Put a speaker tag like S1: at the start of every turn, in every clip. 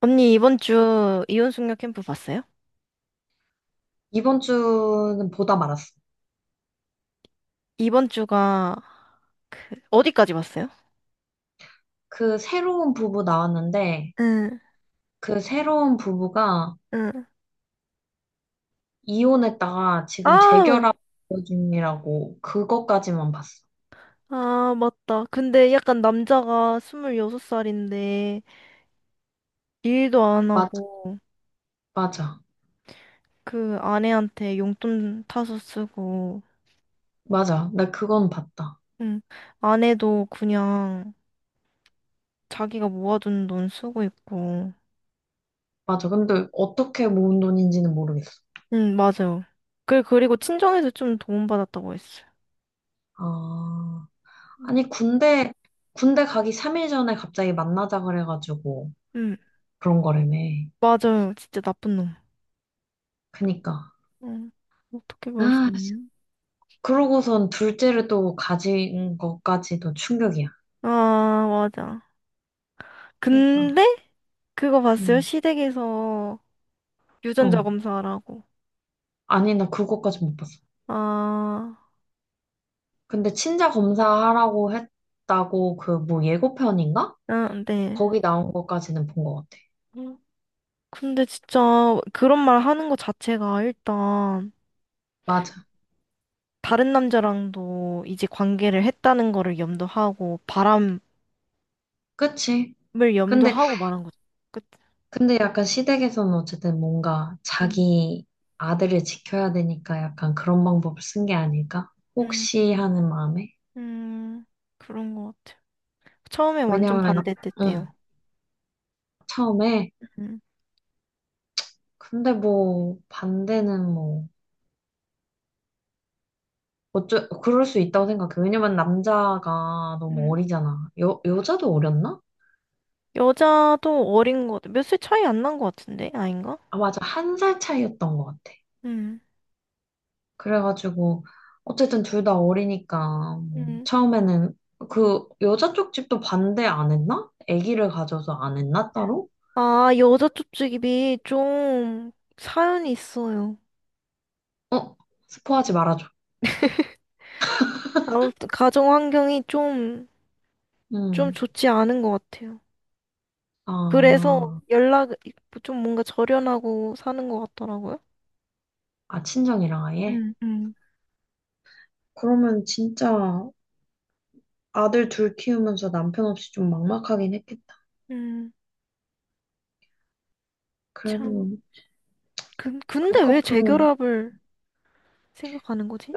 S1: 언니, 이번 주 이혼숙녀 캠프 봤어요?
S2: 이번 주는 보다 말았어.
S1: 이번 주가 어디까지 봤어요?
S2: 그 새로운 부부 나왔는데,
S1: 응,
S2: 그 새로운 부부가
S1: 응.
S2: 이혼했다가 지금
S1: 아,
S2: 재결합 중이라고 그것까지만 봤어.
S1: 아, 맞다. 근데 약간 남자가 26살인데, 일도 안
S2: 맞아,
S1: 하고,
S2: 맞아,
S1: 그 아내한테 용돈 타서 쓰고,
S2: 맞아. 나 그건 봤다.
S1: 응. 아내도 그냥 자기가 모아둔 돈 쓰고 있고,
S2: 맞아. 근데 어떻게 모은 돈인지는 모르겠어.
S1: 응, 맞아요. 그리고 친정에서 좀 도움받았다고 했어요.
S2: 아, 아니, 군대 가기 3일 전에 갑자기 만나자 그래가지고
S1: 응,
S2: 그런 거라며.
S1: 맞아요. 진짜 나쁜 놈.
S2: 그니까.
S1: 응, 어떻게 그럴 수
S2: 아,
S1: 있냐?
S2: 그러고선 둘째를 또 가진 것까지도 충격이야.
S1: 아, 맞아.
S2: 그니까.
S1: 근데 그거 봤어요?
S2: 음,
S1: 시댁에서 유전자
S2: 어.
S1: 검사하라고.
S2: 아니, 나 그거까지 못 봤어.
S1: 아,
S2: 근데 친자 검사하라고 했다고 그 뭐 예고편인가?
S1: 응, 네.
S2: 거기 나온 것까지는 본 것 같아.
S1: 음, 근데 진짜 그런 말 하는 것 자체가 일단
S2: 맞아.
S1: 다른 남자랑도 이제 관계를 했다는 거를 염두하고 바람을
S2: 그치? 근데,
S1: 염두하고 말한 거죠. 그치?
S2: 근데 약간 시댁에서는 어쨌든 뭔가
S1: 음.
S2: 자기 아들을 지켜야 되니까 약간 그런 방법을 쓴 게 아닐까?
S1: 음,
S2: 혹시 하는 마음에?
S1: 음, 그런 것 같아요. 처음에 완전
S2: 왜냐면,
S1: 반대됐대요.
S2: 응, 처음에.
S1: 음,
S2: 근데 뭐, 반대는 뭐. 어쩌, 그럴 수 있다고 생각해. 왜냐면 남자가 너무
S1: 음.
S2: 어리잖아. 여자도 어렸나?
S1: 여자도 어린 것 같아. 몇 살 차이 안 난 것 같은데? 아닌가?
S2: 아, 맞아. 한 살 차이였던 것 같아.
S1: 음.
S2: 그래가지고, 어쨌든 둘 다 어리니까, 뭐
S1: 음.
S2: 처음에는 그 여자 쪽 집도 반대 안 했나? 아기를 가져서 안 했나, 따로?
S1: 아, 여자 쪽집이 좀 사연이 있어요.
S2: 어, 스포하지 말아줘.
S1: 아무튼 가정 환경이 좀, 좀
S2: 응.
S1: 좋지 않은 것 같아요. 그래서
S2: 아,
S1: 연락, 좀 뭔가 절연하고 사는 것 같더라고요.
S2: 아, 친정이랑 아예?
S1: 음, 음.
S2: 그러면 진짜 아들 둘 키우면서 남편 없이 좀 막막하긴 했겠다.
S1: 음, 참.
S2: 그래도
S1: 근,
S2: 그
S1: 근데 왜
S2: 커플은,
S1: 재결합을 생각하는 거지?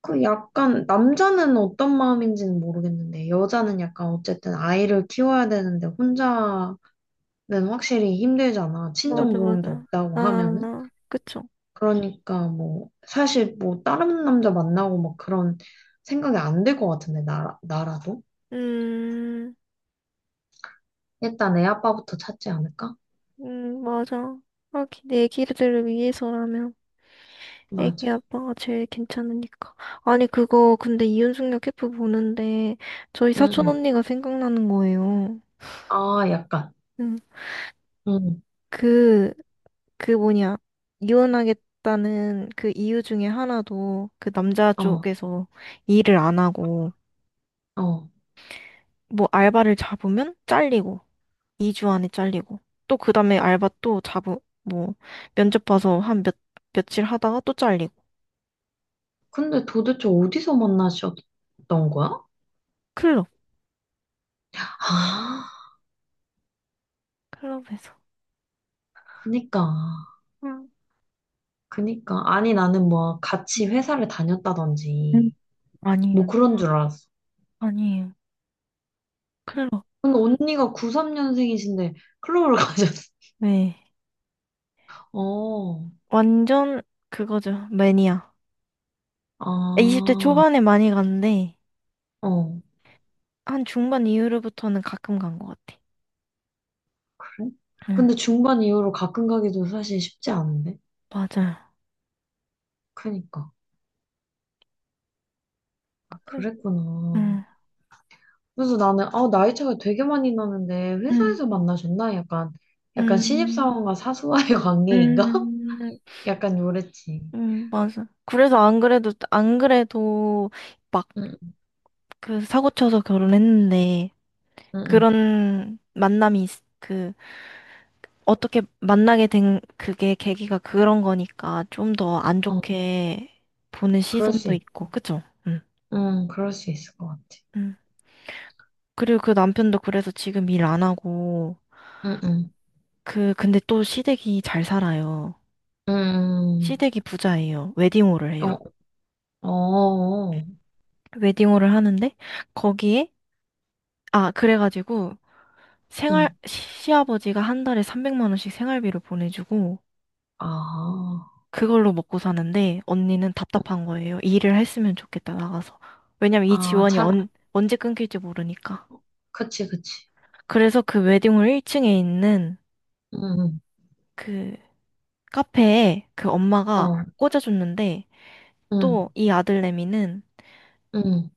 S2: 그 약간, 남자는 어떤 마음인지는 모르겠는데, 여자는 약간 어쨌든 아이를 키워야 되는데, 혼자 는 확실히 힘들잖아. 친정
S1: 맞아,
S2: 도움도
S1: 맞아.
S2: 없다고 하면은.
S1: 아, 그쵸.
S2: 그러니까 뭐 사실 뭐 다른 남자 만나고 막 그런 생각이 안 들 것 같은데 나 나라도
S1: 음,
S2: 일단 애 아빠부터 찾지 않을까?
S1: 맞아. 하긴, 내 아기들을 위해서라면. 애기
S2: 맞아.
S1: 아빠가 제일 괜찮으니까. 아니, 그거, 근데 이윤숙녀 캠프 보는데, 저희 사촌
S2: 응응.
S1: 언니가 생각나는 거예요.
S2: 아 약간.
S1: 응.
S2: 응.
S1: 그, 그 뭐냐. 이혼하겠다는 그 이유 중에 하나도 그 남자
S2: 어
S1: 쪽에서 일을 안 하고,
S2: 어.
S1: 뭐 알바를 잡으면 잘리고, 2주 안에 잘리고, 또 그 다음에 알바 또 잡으, 뭐, 면접 봐서 한 몇, 며칠 하다가 또 잘리고.
S2: 근데 도대체 어디서 만나셨던 거야?
S1: 클럽,
S2: 아,
S1: 클럽에서.
S2: 그니까.
S1: 응,
S2: 아니 나는 뭐 같이 회사를
S1: 응,
S2: 다녔다든지 뭐
S1: 아니에요.
S2: 그런 줄 알았어.
S1: 아니에요. 클럽.
S2: 근데 언니가 93년생이신데 클럽을 가셨.
S1: 네.
S2: 어,
S1: 완전 그거죠. 매니아. 20대
S2: 아,
S1: 초반에 많이 갔는데,
S2: 어,
S1: 한 중반 이후로부터는 가끔 간 것 같아.
S2: 그래?
S1: 응,
S2: 근데 중반 이후로 가끔 가기도 사실 쉽지 않은데?
S1: 맞아요.
S2: 그니까. 아,
S1: 응,
S2: 그랬구나.
S1: 응,
S2: 그래서 나는, 아, 나이 차가 되게 많이 나는데,
S1: 응,
S2: 회사에서 만나셨나? 약간, 약간
S1: 응,
S2: 신입사원과 사수와의 관계인가?
S1: 응,
S2: 약간 요랬지.
S1: 맞아. 그래서 안 그래도, 안 그래도 막
S2: 응,
S1: 그 사고 쳐서 결혼했는데,
S2: 응, 응.
S1: 그런 만남이, 있- 그, 어떻게 만나게 된 그게 계기가 그런 거니까 좀 더 안
S2: 어,
S1: 좋게 보는
S2: 그럴 수
S1: 시선도
S2: 있,
S1: 있고, 그쵸? 응.
S2: 응, 그럴 수 있을 것 같아.
S1: 음. 그리고 그 남편도 그래서 지금 일 안 하고,
S2: 응, 응,
S1: 그, 근데 또 시댁이 잘 살아요.
S2: 응,
S1: 시댁이 부자예요. 웨딩홀을 해요.
S2: 응. 어, 어,
S1: 웨딩홀을 하는데, 거기에, 아, 그래가지고, 생활,
S2: 응.
S1: 시- 시아버지가 한 달에 300만 원씩 생활비를 보내주고,
S2: 아,
S1: 그걸로 먹고 사는데, 언니는
S2: 어,
S1: 답답한 거예요. 일을 했으면 좋겠다, 나가서. 왜냐면 이
S2: 아,
S1: 지원이
S2: 잘,
S1: 언제 끊길지 모르니까.
S2: 그치, 그치.
S1: 그래서 그 웨딩홀 1층에 있는
S2: 응. 응.
S1: 그 카페에 그 엄마가
S2: 어,
S1: 꽂아줬는데,
S2: 응,
S1: 또 이 아들내미는
S2: 응,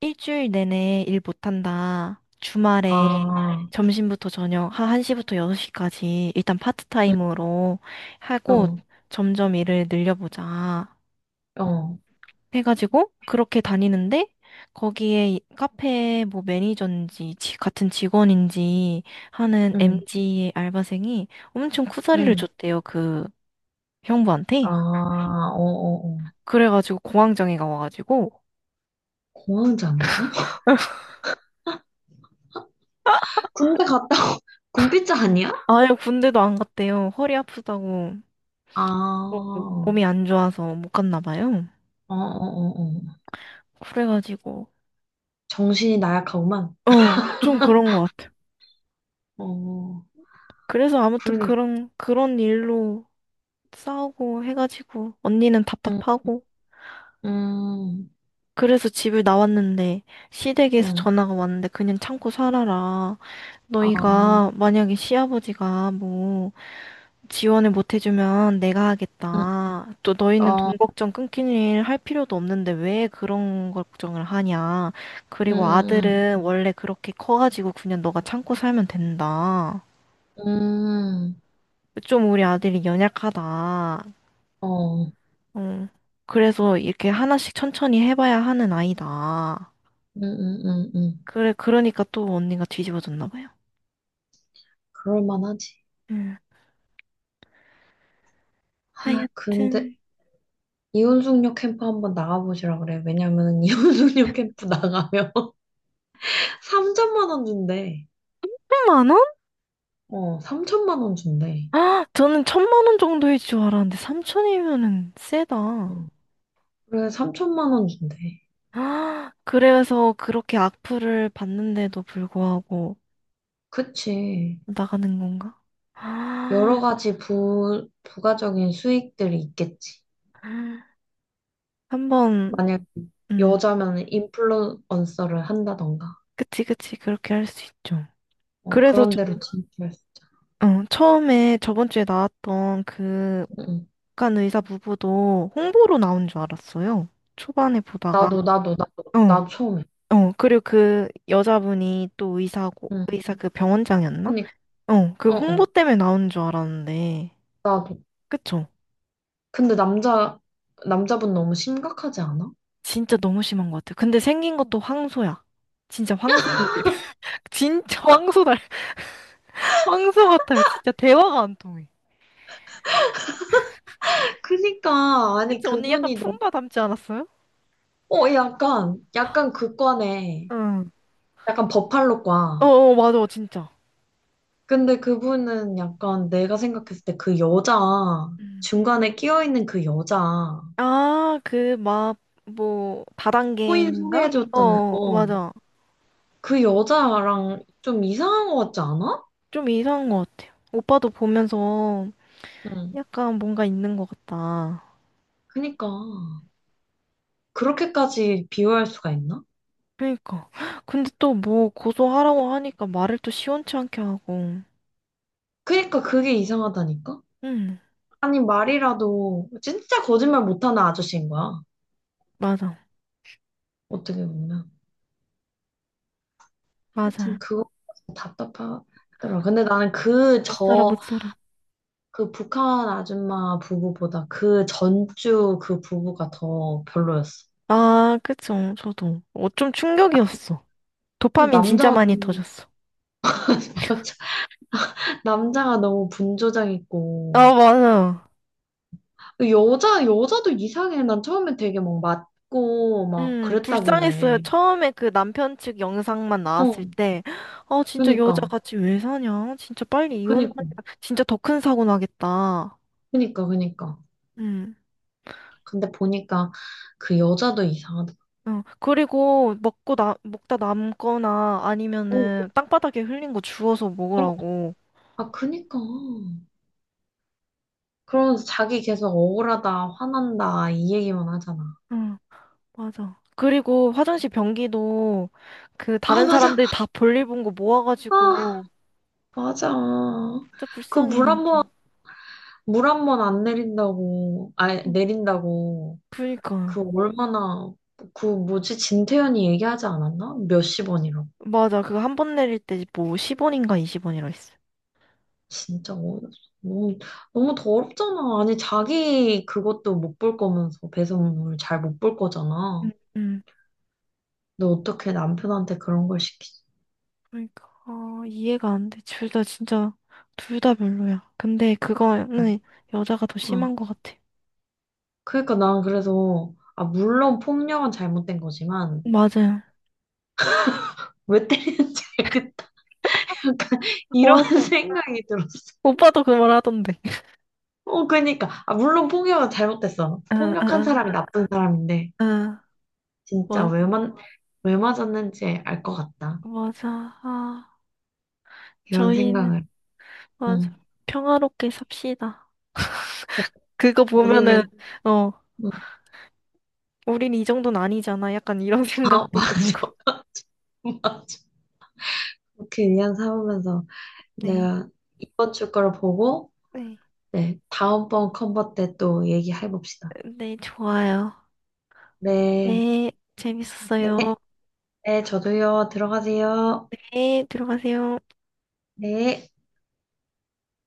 S1: 일주일 내내 일 못한다. 주말에
S2: 아,
S1: 점심부터 저녁 한 1시부터 6시까지 일단
S2: 응,
S1: 파트타임으로 하고
S2: 어,
S1: 점점 일을 늘려보자.
S2: 어,
S1: 해가지고 그렇게 다니는데 거기에 이 카페 뭐 매니저인지 지- 같은 직원인지 하는
S2: 응,
S1: MG의 알바생이 엄청 쿠사리를
S2: 응,
S1: 줬대요. 그
S2: 아,
S1: 형부한테.
S2: 어, 어, 어.
S1: 그래가지고 공황장애가 와가지고
S2: 공황장애요? 군대 갔다 오- 군비자 아니야?
S1: 아예 군대도 안 갔대요. 허리 아프다고.
S2: 아,
S1: 뭐
S2: 어,
S1: 몸이 안 좋아서 못 갔나 봐요.
S2: 어, 어, 어.
S1: 그래가지고
S2: 정신이 나약하구만.
S1: 어, 좀 그런 것 같아요.
S2: 어,
S1: 그래서 아무튼
S2: 그러니,
S1: 그런 일로 싸우고 해가지고 언니는
S2: 응,
S1: 답답하고
S2: 응,
S1: 그래서 집을 나왔는데 시댁에서
S2: 응,
S1: 전화가 왔는데 그냥 참고 살아라.
S2: 아,
S1: 너희가 만약에 시아버지가 뭐 지원을 못 해주면 내가
S2: 응,
S1: 하겠다. 또 너희는
S2: 어,
S1: 돈 걱정 끊긴 일 할 필요도 없는데 왜 그런 걸 걱정을 하냐.
S2: 응,
S1: 그리고
S2: 응,
S1: 아들은 원래 그렇게 커가지고 그냥 너가 참고 살면 된다.
S2: 응, 응,
S1: 좀 우리 아들이 연약하다.
S2: 어, 응,
S1: 응. 그래서 이렇게 하나씩 천천히 해봐야 하는 아이다.
S2: 응, 응, 응.
S1: 그래, 그러니까 또 언니가 뒤집어졌나 봐요.
S2: 그럴만하지.
S1: 응.
S2: 아, 근데.
S1: 하여튼.
S2: 이혼숙녀 캠프 한번 나가보시라 그래. 왜냐면 이혼숙녀 캠프 나가면 3천만 원 준대.
S1: 1,000만 원?
S2: 어, 3천만 원 준대.
S1: 아, 저는 1,000만 원 정도일 줄 알았는데 삼천이면은 세다.
S2: 응. 그래, 3천만 원 준대.
S1: 아, 그래서 그렇게 악플을 받는데도 불구하고
S2: 그치.
S1: 나가는 건가? 아,
S2: 여러 가지 부가적인 수익들이 있겠지.
S1: 한번,
S2: 만약
S1: 음,
S2: 여자면 인플루언서를 한다던가.
S1: 그치, 그치, 그렇게 할 수 있죠.
S2: 어,
S1: 그래서
S2: 그런 데로
S1: 좀,
S2: 진출했어.
S1: 어, 처음에 저번 주에 나왔던 그
S2: 응. 응.
S1: 북한 의사 부부도 홍보로 나온 줄 알았어요. 초반에 보다가,
S2: 나도, 나도, 나도,
S1: 어,
S2: 나도 처음에.
S1: 어, 그리고 그 여자분이 또 의사고,
S2: 응.
S1: 의사 그 병원장이었나?
S2: 그니까,
S1: 어, 그
S2: 어,
S1: 홍보
S2: 어,
S1: 때문에 나온 줄 알았는데,
S2: 나도.
S1: 그쵸?
S2: 근데 남자분 너무 심각하지 않아?
S1: 진짜 너무 심한 것 같아요. 근데 생긴 것도 황소야. 진짜 황소고기. 진짜 황소 달, 황소 같아요. 진짜 대화가 안 통해.
S2: 그니까 아니
S1: 그치, 언니 약간
S2: 그분이 너무
S1: 품바 닮지 않았어요?
S2: 어 약간 약간 그과네
S1: 응.
S2: 약간 버팔로과
S1: 어어, 맞아, 진짜.
S2: 근데 그분은 약간 내가 생각했을 때 그 여자
S1: 음.
S2: 중간에 끼어 있는 그 여자
S1: 아, 그, 막, 뭐,
S2: 코인
S1: 다단계인가? 어,
S2: 소개해줬잖아
S1: 어,
S2: 어그
S1: 맞아.
S2: 여자랑 좀 이상한 것 같지 않아?
S1: 좀 이상한 것 같아요. 오빠도 보면서
S2: 응.
S1: 약간 뭔가 있는 것 같다.
S2: 그니까 그렇게까지 비호할 수가 있나?
S1: 그니까. 근데 또 뭐 고소하라고 하니까 말을 또 시원치 않게 하고.
S2: 그니까 그게 이상하다니까.
S1: 응,
S2: 아니 말이라도 진짜 거짓말 못하는 아저씨인 거야
S1: 맞아.
S2: 어떻게 보면.
S1: 맞
S2: 하여튼
S1: 아
S2: 그거 답답하더라. 근데 나는 그
S1: 못 살아,
S2: 저,
S1: 못 살아.
S2: 그 북한 아줌마 부부보다 그 전주 그 부부가 더 별로였어.
S1: 아, 그쵸. 저도. 어, 좀 충격이었어.
S2: 그리고
S1: 도파민 진짜
S2: 남자가
S1: 많이
S2: 너무,
S1: 터졌어.
S2: 맞아. 남자가 너무 분조장 있고.
S1: 아, 맞아.
S2: 여자도 이상해. 난 처음에 되게 막 맞고 막
S1: 불쌍했어요.
S2: 그랬다길래.
S1: 처음에 그 남편 측 영상만 나왔을
S2: 어,
S1: 때, 아, 진짜
S2: 그니까.
S1: 여자같이 왜 사냐? 진짜 빨리 이혼하면
S2: 그니까.
S1: 진짜 더 큰 사고 나겠다.
S2: 그니까, 그니까.
S1: 음.
S2: 근데 보니까 그 여자도 이상하더라고.
S1: 어, 그리고 먹고 나, 먹다 남거나
S2: 어,
S1: 아니면은 땅바닥에 흘린 거 주워서
S2: 어,
S1: 먹으라고.
S2: 아, 그니까. 그러면서 자기 계속 억울하다, 화난다, 이 얘기만 하잖아.
S1: 음. 맞아. 그리고 화장실 변기도 그
S2: 아,
S1: 다른
S2: 맞아.
S1: 사람들 다 볼일 본 거
S2: 아,
S1: 모아가지고
S2: 맞아.
S1: 진짜
S2: 그
S1: 불쌍해
S2: 물 한 번,
S1: 남좀.
S2: 물 한번 안 내린다고, 아, 내린다고.
S1: 그니까요.
S2: 그 얼마나, 그 뭐지, 진태현이 얘기하지 않았나? 몇십 원이라고.
S1: 맞아. 그거 한 번 내릴 때 뭐 10원인가 20원이라 했어.
S2: 진짜 어이없어. 너무, 너무 더럽잖아. 아니, 자기 그것도 못 볼 거면서 배송물 잘 못 볼 거잖아.
S1: 응, 응.
S2: 너 어떻게 남편한테 그런 걸 시키지?
S1: 그러니까 아, 이해가 안 돼. 둘 다 진짜 둘 다 별로야. 근데 그거는 여자가 더
S2: 응.
S1: 심한 것 같아.
S2: 그러니까 난 그래서 아 물론 폭력은 잘못된 거지만
S1: 맞아요.
S2: 왜 때리는지 알겠다. 약간 이런
S1: 와,
S2: 생각이 들었어.
S1: 오빠도 그 말 하던데.
S2: 어 그러니까 아 물론 폭력은 잘못됐어.
S1: 응, 응,
S2: 폭력한
S1: 응.
S2: 사람이 나쁜 사람인데
S1: 응.
S2: 진짜
S1: 맞-
S2: 왜만 왜 맞았는지 알 것 같다.
S1: 맞아. 아,
S2: 이런
S1: 저희는
S2: 생각을.
S1: 맞아.
S2: 응.
S1: 평화롭게 삽시다.
S2: 그
S1: 그거 보면은,
S2: 우리는
S1: 어,
S2: 응.
S1: 우린 이 정도는 아니잖아. 약간 이런
S2: 아
S1: 생각도 들고.
S2: 맞아. 맞아. 그렇게 위안 삼으면서
S1: 네,
S2: 내가 이번 주 거를 보고
S1: 네.
S2: 네 다음번 컨버 때 또 얘기해 봅시다.
S1: 네, 좋아요.
S2: 네.
S1: 네, 재밌었어요.
S2: 네. 네, 저도요. 들어가세요.
S1: 네, 들어가세요.
S2: 네.